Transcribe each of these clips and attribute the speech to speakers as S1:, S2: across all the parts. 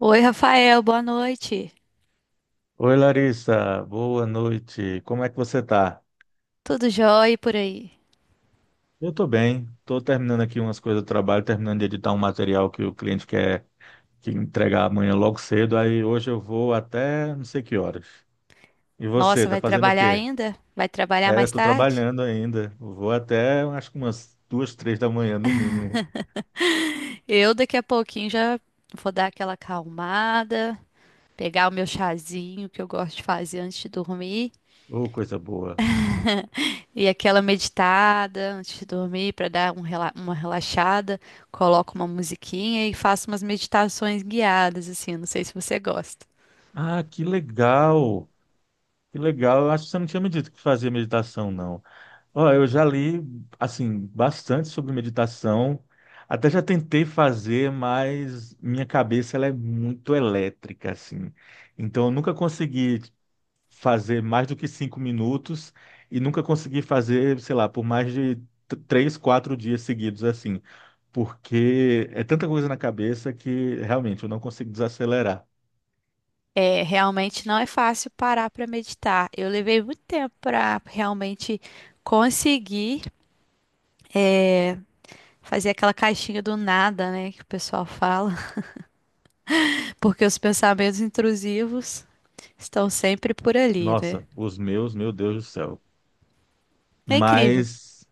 S1: Oi, Rafael, boa noite.
S2: Oi, Larissa, boa noite. Como é que você tá?
S1: Tudo jóia por aí?
S2: Eu tô bem. Tô terminando aqui umas coisas do trabalho, terminando de editar um material que o cliente quer que entregar amanhã logo cedo. Aí hoje eu vou até não sei que horas. E você,
S1: Nossa,
S2: tá
S1: vai
S2: fazendo o
S1: trabalhar
S2: quê?
S1: ainda? Vai trabalhar
S2: É,
S1: mais
S2: tô
S1: tarde?
S2: trabalhando ainda. Eu vou até acho que umas 2, 3 da manhã no mínimo.
S1: Eu daqui a pouquinho já vou dar aquela acalmada, pegar o meu chazinho que eu gosto de fazer antes de dormir
S2: Ô, coisa boa.
S1: e aquela meditada antes de dormir para dar uma relaxada. Coloco uma musiquinha e faço umas meditações guiadas assim. Não sei se você gosta.
S2: Ah, que legal! Que legal. Eu acho que você não tinha me dito que fazia meditação, não. Ó, eu já li, assim, bastante sobre meditação. Até já tentei fazer, mas minha cabeça ela é muito elétrica, assim. Então, eu nunca consegui fazer mais do que 5 minutos e nunca consegui fazer, sei lá, por mais de 3, 4 dias seguidos, assim. Porque é tanta coisa na cabeça que realmente eu não consigo desacelerar.
S1: É, realmente não é fácil parar para meditar. Eu levei muito tempo para realmente conseguir fazer aquela caixinha do nada, né, que o pessoal fala, porque os pensamentos intrusivos estão sempre por ali, né?
S2: Nossa, os meus, meu Deus do céu.
S1: É incrível.
S2: Mas.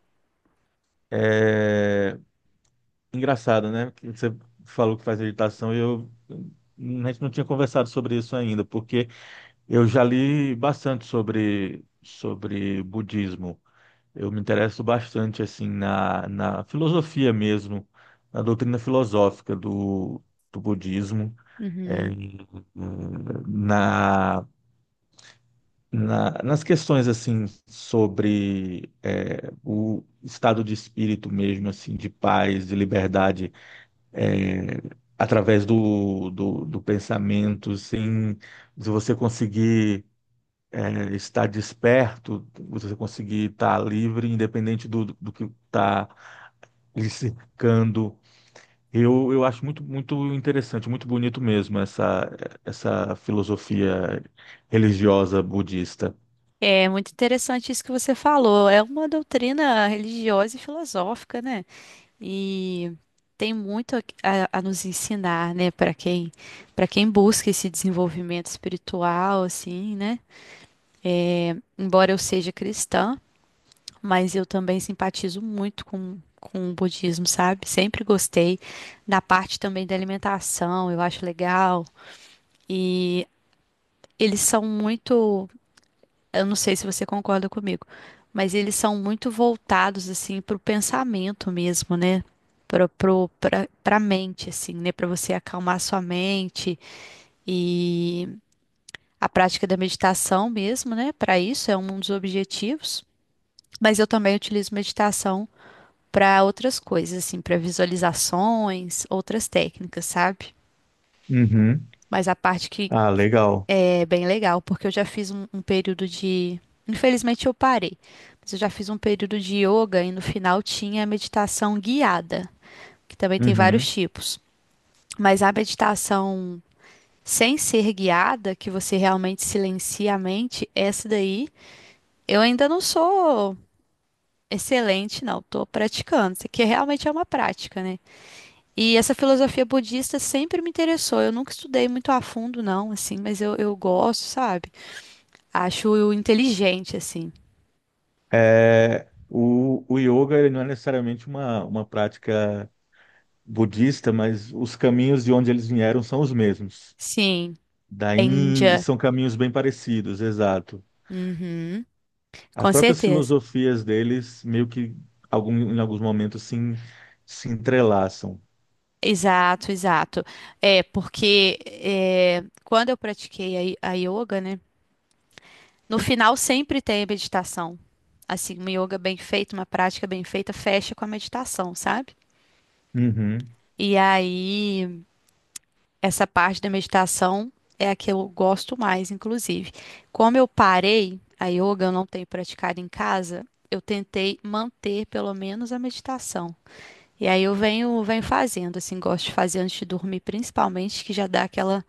S2: eh, Engraçado, né? Que você falou que faz meditação e eu a gente não tinha conversado sobre isso ainda, porque eu já li bastante sobre budismo. Eu me interesso bastante assim na filosofia mesmo, na doutrina filosófica do budismo,
S1: Uhum.
S2: eh, na, na nas questões assim sobre o estado de espírito mesmo, assim, de paz, de liberdade, é, através do pensamento, sem, se você conseguir estar desperto, você conseguir estar livre, independente do que está lhe cercando. Eu acho muito, muito interessante, muito bonito mesmo essa filosofia religiosa budista.
S1: É muito interessante isso que você falou. É uma doutrina religiosa e filosófica, né? E tem muito a nos ensinar, né, para quem busca esse desenvolvimento espiritual, assim, né? Embora eu seja cristã, mas eu também simpatizo muito com o budismo, sabe? Sempre gostei da parte também da alimentação, eu acho legal. E eles são muito, eu não sei se você concorda comigo, mas eles são muito voltados assim para o pensamento mesmo, né? Para Para mente, assim, né? Para você acalmar sua mente e a prática da meditação mesmo, né? Para isso é um dos objetivos. Mas eu também utilizo meditação para outras coisas, assim, para visualizações, outras técnicas, sabe?
S2: Uhum.
S1: Mas a parte que
S2: Ah, legal.
S1: é bem legal, porque eu já fiz um período de. Infelizmente eu parei, mas eu já fiz um período de yoga e no final tinha meditação guiada, que também tem vários
S2: Uhum.
S1: tipos. Mas a meditação sem ser guiada, que você realmente silencia a mente, essa daí, eu ainda não sou excelente, não. Tô praticando. Isso aqui realmente é uma prática, né? E essa filosofia budista sempre me interessou. Eu nunca estudei muito a fundo, não, assim, mas eu gosto, sabe? Acho inteligente, assim.
S2: É, o yoga ele não é necessariamente uma prática budista, mas os caminhos de onde eles vieram são os mesmos.
S1: Sim,
S2: Da
S1: é
S2: Índia,
S1: Índia.
S2: são caminhos bem parecidos, exato.
S1: Uhum,
S2: As
S1: com
S2: próprias
S1: certeza.
S2: filosofias deles, meio que em alguns momentos se entrelaçam.
S1: Exato, exato. É, porque é, quando eu pratiquei a yoga, né? No final sempre tem a meditação. Assim, uma yoga bem feita, uma prática bem feita, fecha com a meditação, sabe?
S2: Uhum.
S1: E aí. Essa parte da meditação é a que eu gosto mais, inclusive. Como eu parei, a yoga eu não tenho praticado em casa, eu tentei manter pelo menos a meditação. E aí eu venho fazendo, assim, gosto de fazer antes de dormir, principalmente, que já dá aquela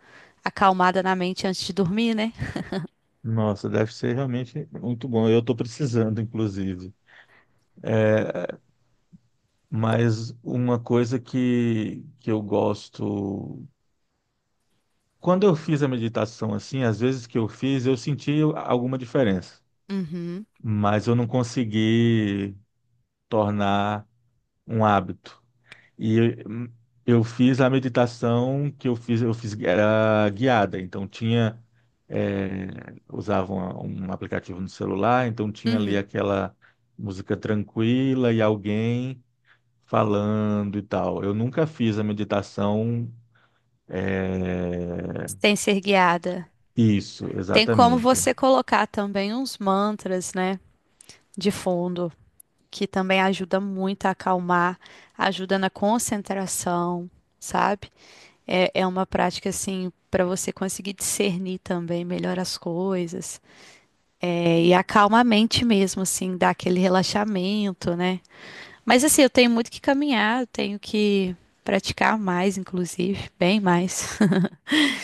S1: acalmada na mente antes de dormir, né?
S2: Nossa, deve ser realmente muito bom. Eu estou precisando, inclusive. Mas uma coisa que eu gosto. Quando eu fiz a meditação assim, às vezes que eu fiz, eu senti alguma diferença,
S1: Uhum,
S2: mas eu não consegui tornar um hábito. E eu, eu fiz a meditação que eu fiz era guiada, então tinha é, usava um aplicativo no celular, então tinha ali
S1: uhum.
S2: aquela música tranquila e alguém falando e tal. Eu nunca fiz a meditação.
S1: Sem ser guiada.
S2: Isso,
S1: Tem como
S2: exatamente.
S1: você colocar também uns mantras, né, de fundo, que também ajuda muito a acalmar, ajuda na concentração, sabe? É, é uma prática assim para você conseguir discernir também melhor as coisas. É, e acalma a mente mesmo, assim, dá aquele relaxamento, né? Mas assim, eu tenho muito que caminhar, eu tenho que praticar mais, inclusive, bem mais.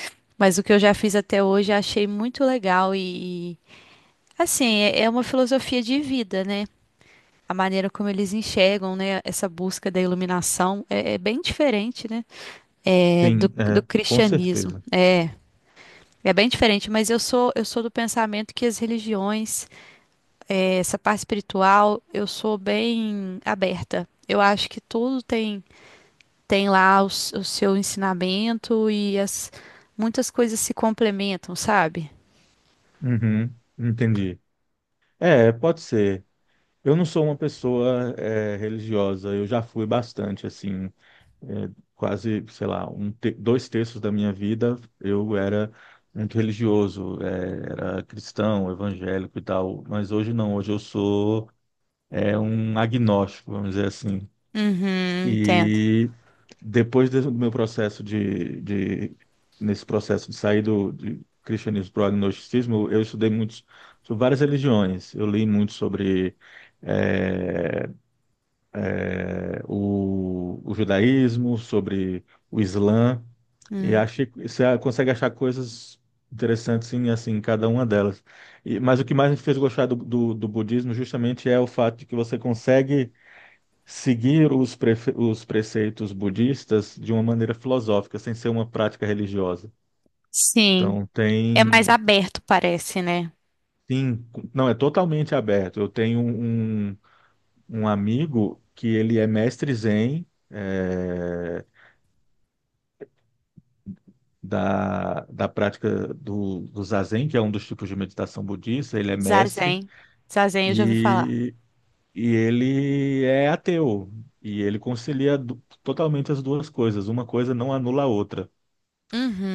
S1: Mas o que eu já fiz até hoje, eu achei muito legal e assim, é é uma filosofia de vida, né? A maneira como eles enxergam, né, essa busca da iluminação é, é bem diferente, né, é,
S2: Sim,
S1: do
S2: é, com
S1: cristianismo.
S2: certeza.
S1: É bem diferente, mas eu sou do pensamento que as religiões, é, essa parte espiritual, eu sou bem aberta. Eu acho que tudo tem seu ensinamento e as muitas coisas se complementam, sabe?
S2: Uhum, entendi. É, pode ser. Eu não sou uma pessoa, religiosa, eu já fui bastante, assim. É, Quase, sei lá, 2/3 da minha vida eu era muito religioso, era cristão, evangélico e tal, mas hoje não, hoje eu sou um agnóstico, vamos dizer assim.
S1: Uhum, entendo.
S2: E do meu processo de nesse processo de sair do de cristianismo para o agnosticismo, eu estudei muitos sobre várias religiões, eu li muito sobre eh, o o judaísmo, sobre o Islã. E
S1: Hum.
S2: achei, você consegue achar coisas interessantes assim, em cada uma delas. Mas o que mais me fez gostar do budismo justamente é o fato de que você consegue seguir os preceitos budistas de uma maneira filosófica, sem ser uma prática religiosa.
S1: Sim,
S2: Então
S1: é
S2: tem,
S1: mais aberto, parece, né?
S2: sim, não, é totalmente aberto. Eu tenho um amigo que ele é mestre Zen, eh, da prática do Zazen, que é um dos tipos de meditação budista, ele é mestre
S1: Zazen. Zazen, eu já ouvi falar.
S2: e, e ele é ateu. E ele concilia totalmente as duas coisas, uma coisa não anula a outra.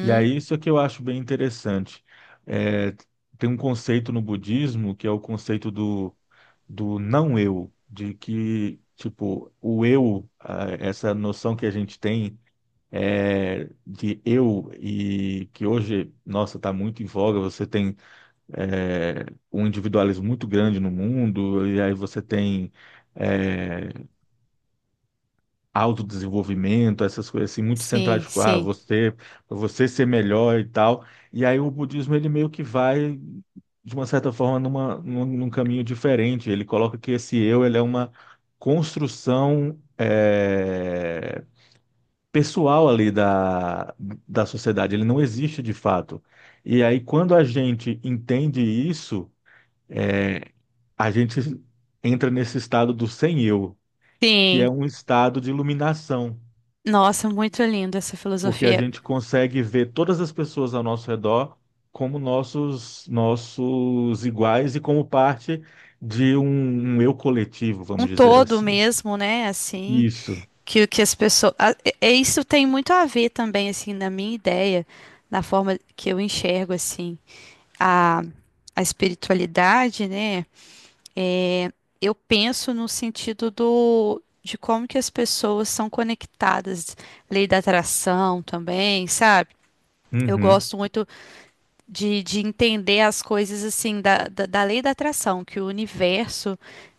S2: E aí isso é que eu acho bem interessante. É, tem um conceito no budismo que é o conceito do não eu, de que, tipo, o eu, essa noção que a gente tem, de eu, e que hoje, nossa, está muito em voga. Você tem é, um individualismo muito grande no mundo, e aí você tem é, autodesenvolvimento, essas coisas assim, muito centradas,
S1: Sim,
S2: tipo, ah,
S1: sim,
S2: você, pra você ser melhor e tal. E aí o budismo, ele meio que vai, de uma certa forma, num caminho diferente. Ele coloca que esse eu, ele é uma construção pessoal ali da sociedade, ele não existe de fato. E aí, quando a gente entende isso, é, a gente entra nesse estado do sem eu, que
S1: sim.
S2: é um estado de iluminação,
S1: Nossa, muito linda essa
S2: porque a
S1: filosofia.
S2: gente consegue ver todas as pessoas ao nosso redor como nossos iguais e como parte de um eu coletivo,
S1: Um
S2: vamos dizer
S1: todo
S2: assim.
S1: mesmo, né? Assim,
S2: Isso.
S1: que o que as pessoas. Isso tem muito a ver também, assim, na minha ideia, na forma que eu enxergo, assim, a, a espiritualidade, né? É, eu penso no sentido do, de como que as pessoas são conectadas, lei da atração também, sabe? Eu
S2: Uhum.
S1: gosto muito de entender as coisas assim da lei da atração, que o universo,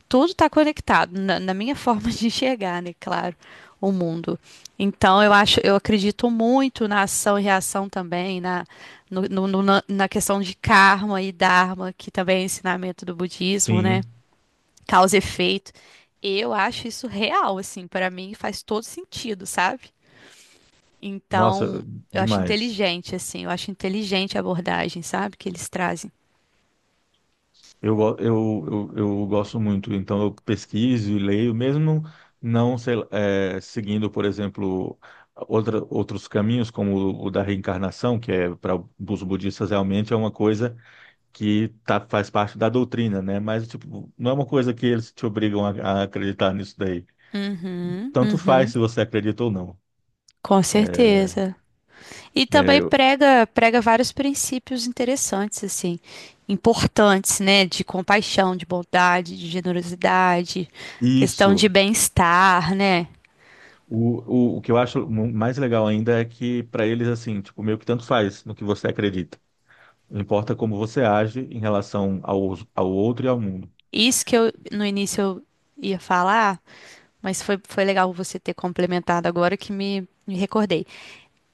S1: tudo está conectado, na minha forma de enxergar, né? Claro, o mundo. Então eu acho, eu acredito muito na ação e reação também, na, na questão de karma e dharma, que também é ensinamento do budismo, né?
S2: Sim.
S1: Causa e efeito. Eu acho isso real, assim, para mim faz todo sentido, sabe?
S2: Nossa,
S1: Então, eu acho
S2: demais.
S1: inteligente, assim, eu acho inteligente a abordagem, sabe, que eles trazem.
S2: Eu gosto muito, então eu pesquiso e leio, mesmo não sei lá, seguindo, por exemplo, outros caminhos, como o da reencarnação, que é para os budistas realmente é uma coisa que tá, faz parte da doutrina, né? Mas tipo, não é uma coisa que eles te obrigam a acreditar nisso daí.
S1: Uhum,
S2: Tanto faz
S1: uhum,
S2: se você acredita ou não.
S1: com certeza. E também
S2: É,
S1: prega vários princípios interessantes, assim, importantes, né? De compaixão, de bondade, de generosidade, questão
S2: isso.
S1: de bem-estar, né?
S2: O que eu acho mais legal ainda é que para eles, assim, tipo, meio que tanto faz no que você acredita. Importa como você age em relação ao outro e ao mundo.
S1: Isso que eu no início eu ia falar, mas foi, foi legal você ter complementado agora que me recordei.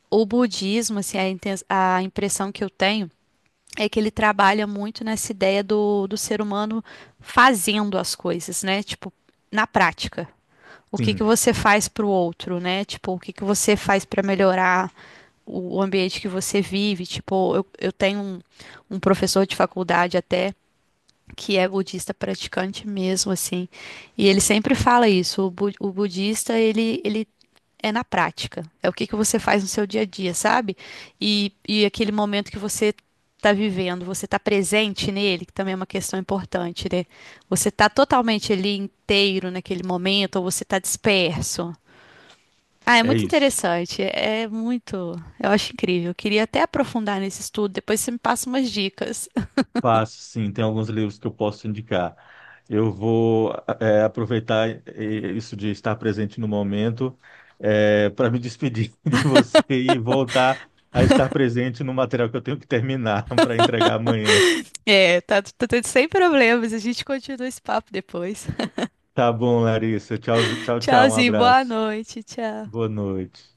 S1: O budismo, assim, a impressão que eu tenho é que ele trabalha muito nessa ideia do, do ser humano fazendo as coisas, né? Tipo, na prática. O que que
S2: Sim,
S1: você faz para o outro, né? Tipo, o que que você faz para melhorar o ambiente que você vive? Tipo, eu tenho um professor de faculdade até que é budista praticante mesmo, assim, e ele sempre fala isso. O budista, ele é na prática. É o que que você faz no seu dia a dia, sabe? E aquele momento que você está vivendo, você está presente nele, que também é uma questão importante, né? Você está totalmente ali inteiro naquele momento, ou você está disperso. Ah, é
S2: é
S1: muito
S2: isso.
S1: interessante, é muito, eu acho incrível. Eu queria até aprofundar nesse estudo, depois você me passa umas dicas.
S2: Passo, sim, tem alguns livros que eu posso indicar. Eu vou aproveitar isso de estar presente no momento para me despedir de você e voltar a estar presente no material que eu tenho que terminar para entregar amanhã.
S1: É, tá, tá tudo sem problemas, a gente continua esse papo depois.
S2: Tá bom, Larissa. Tchau, tchau, tchau. Um
S1: Tchauzinho, boa
S2: abraço.
S1: noite,
S2: Boa
S1: tchau.
S2: noite.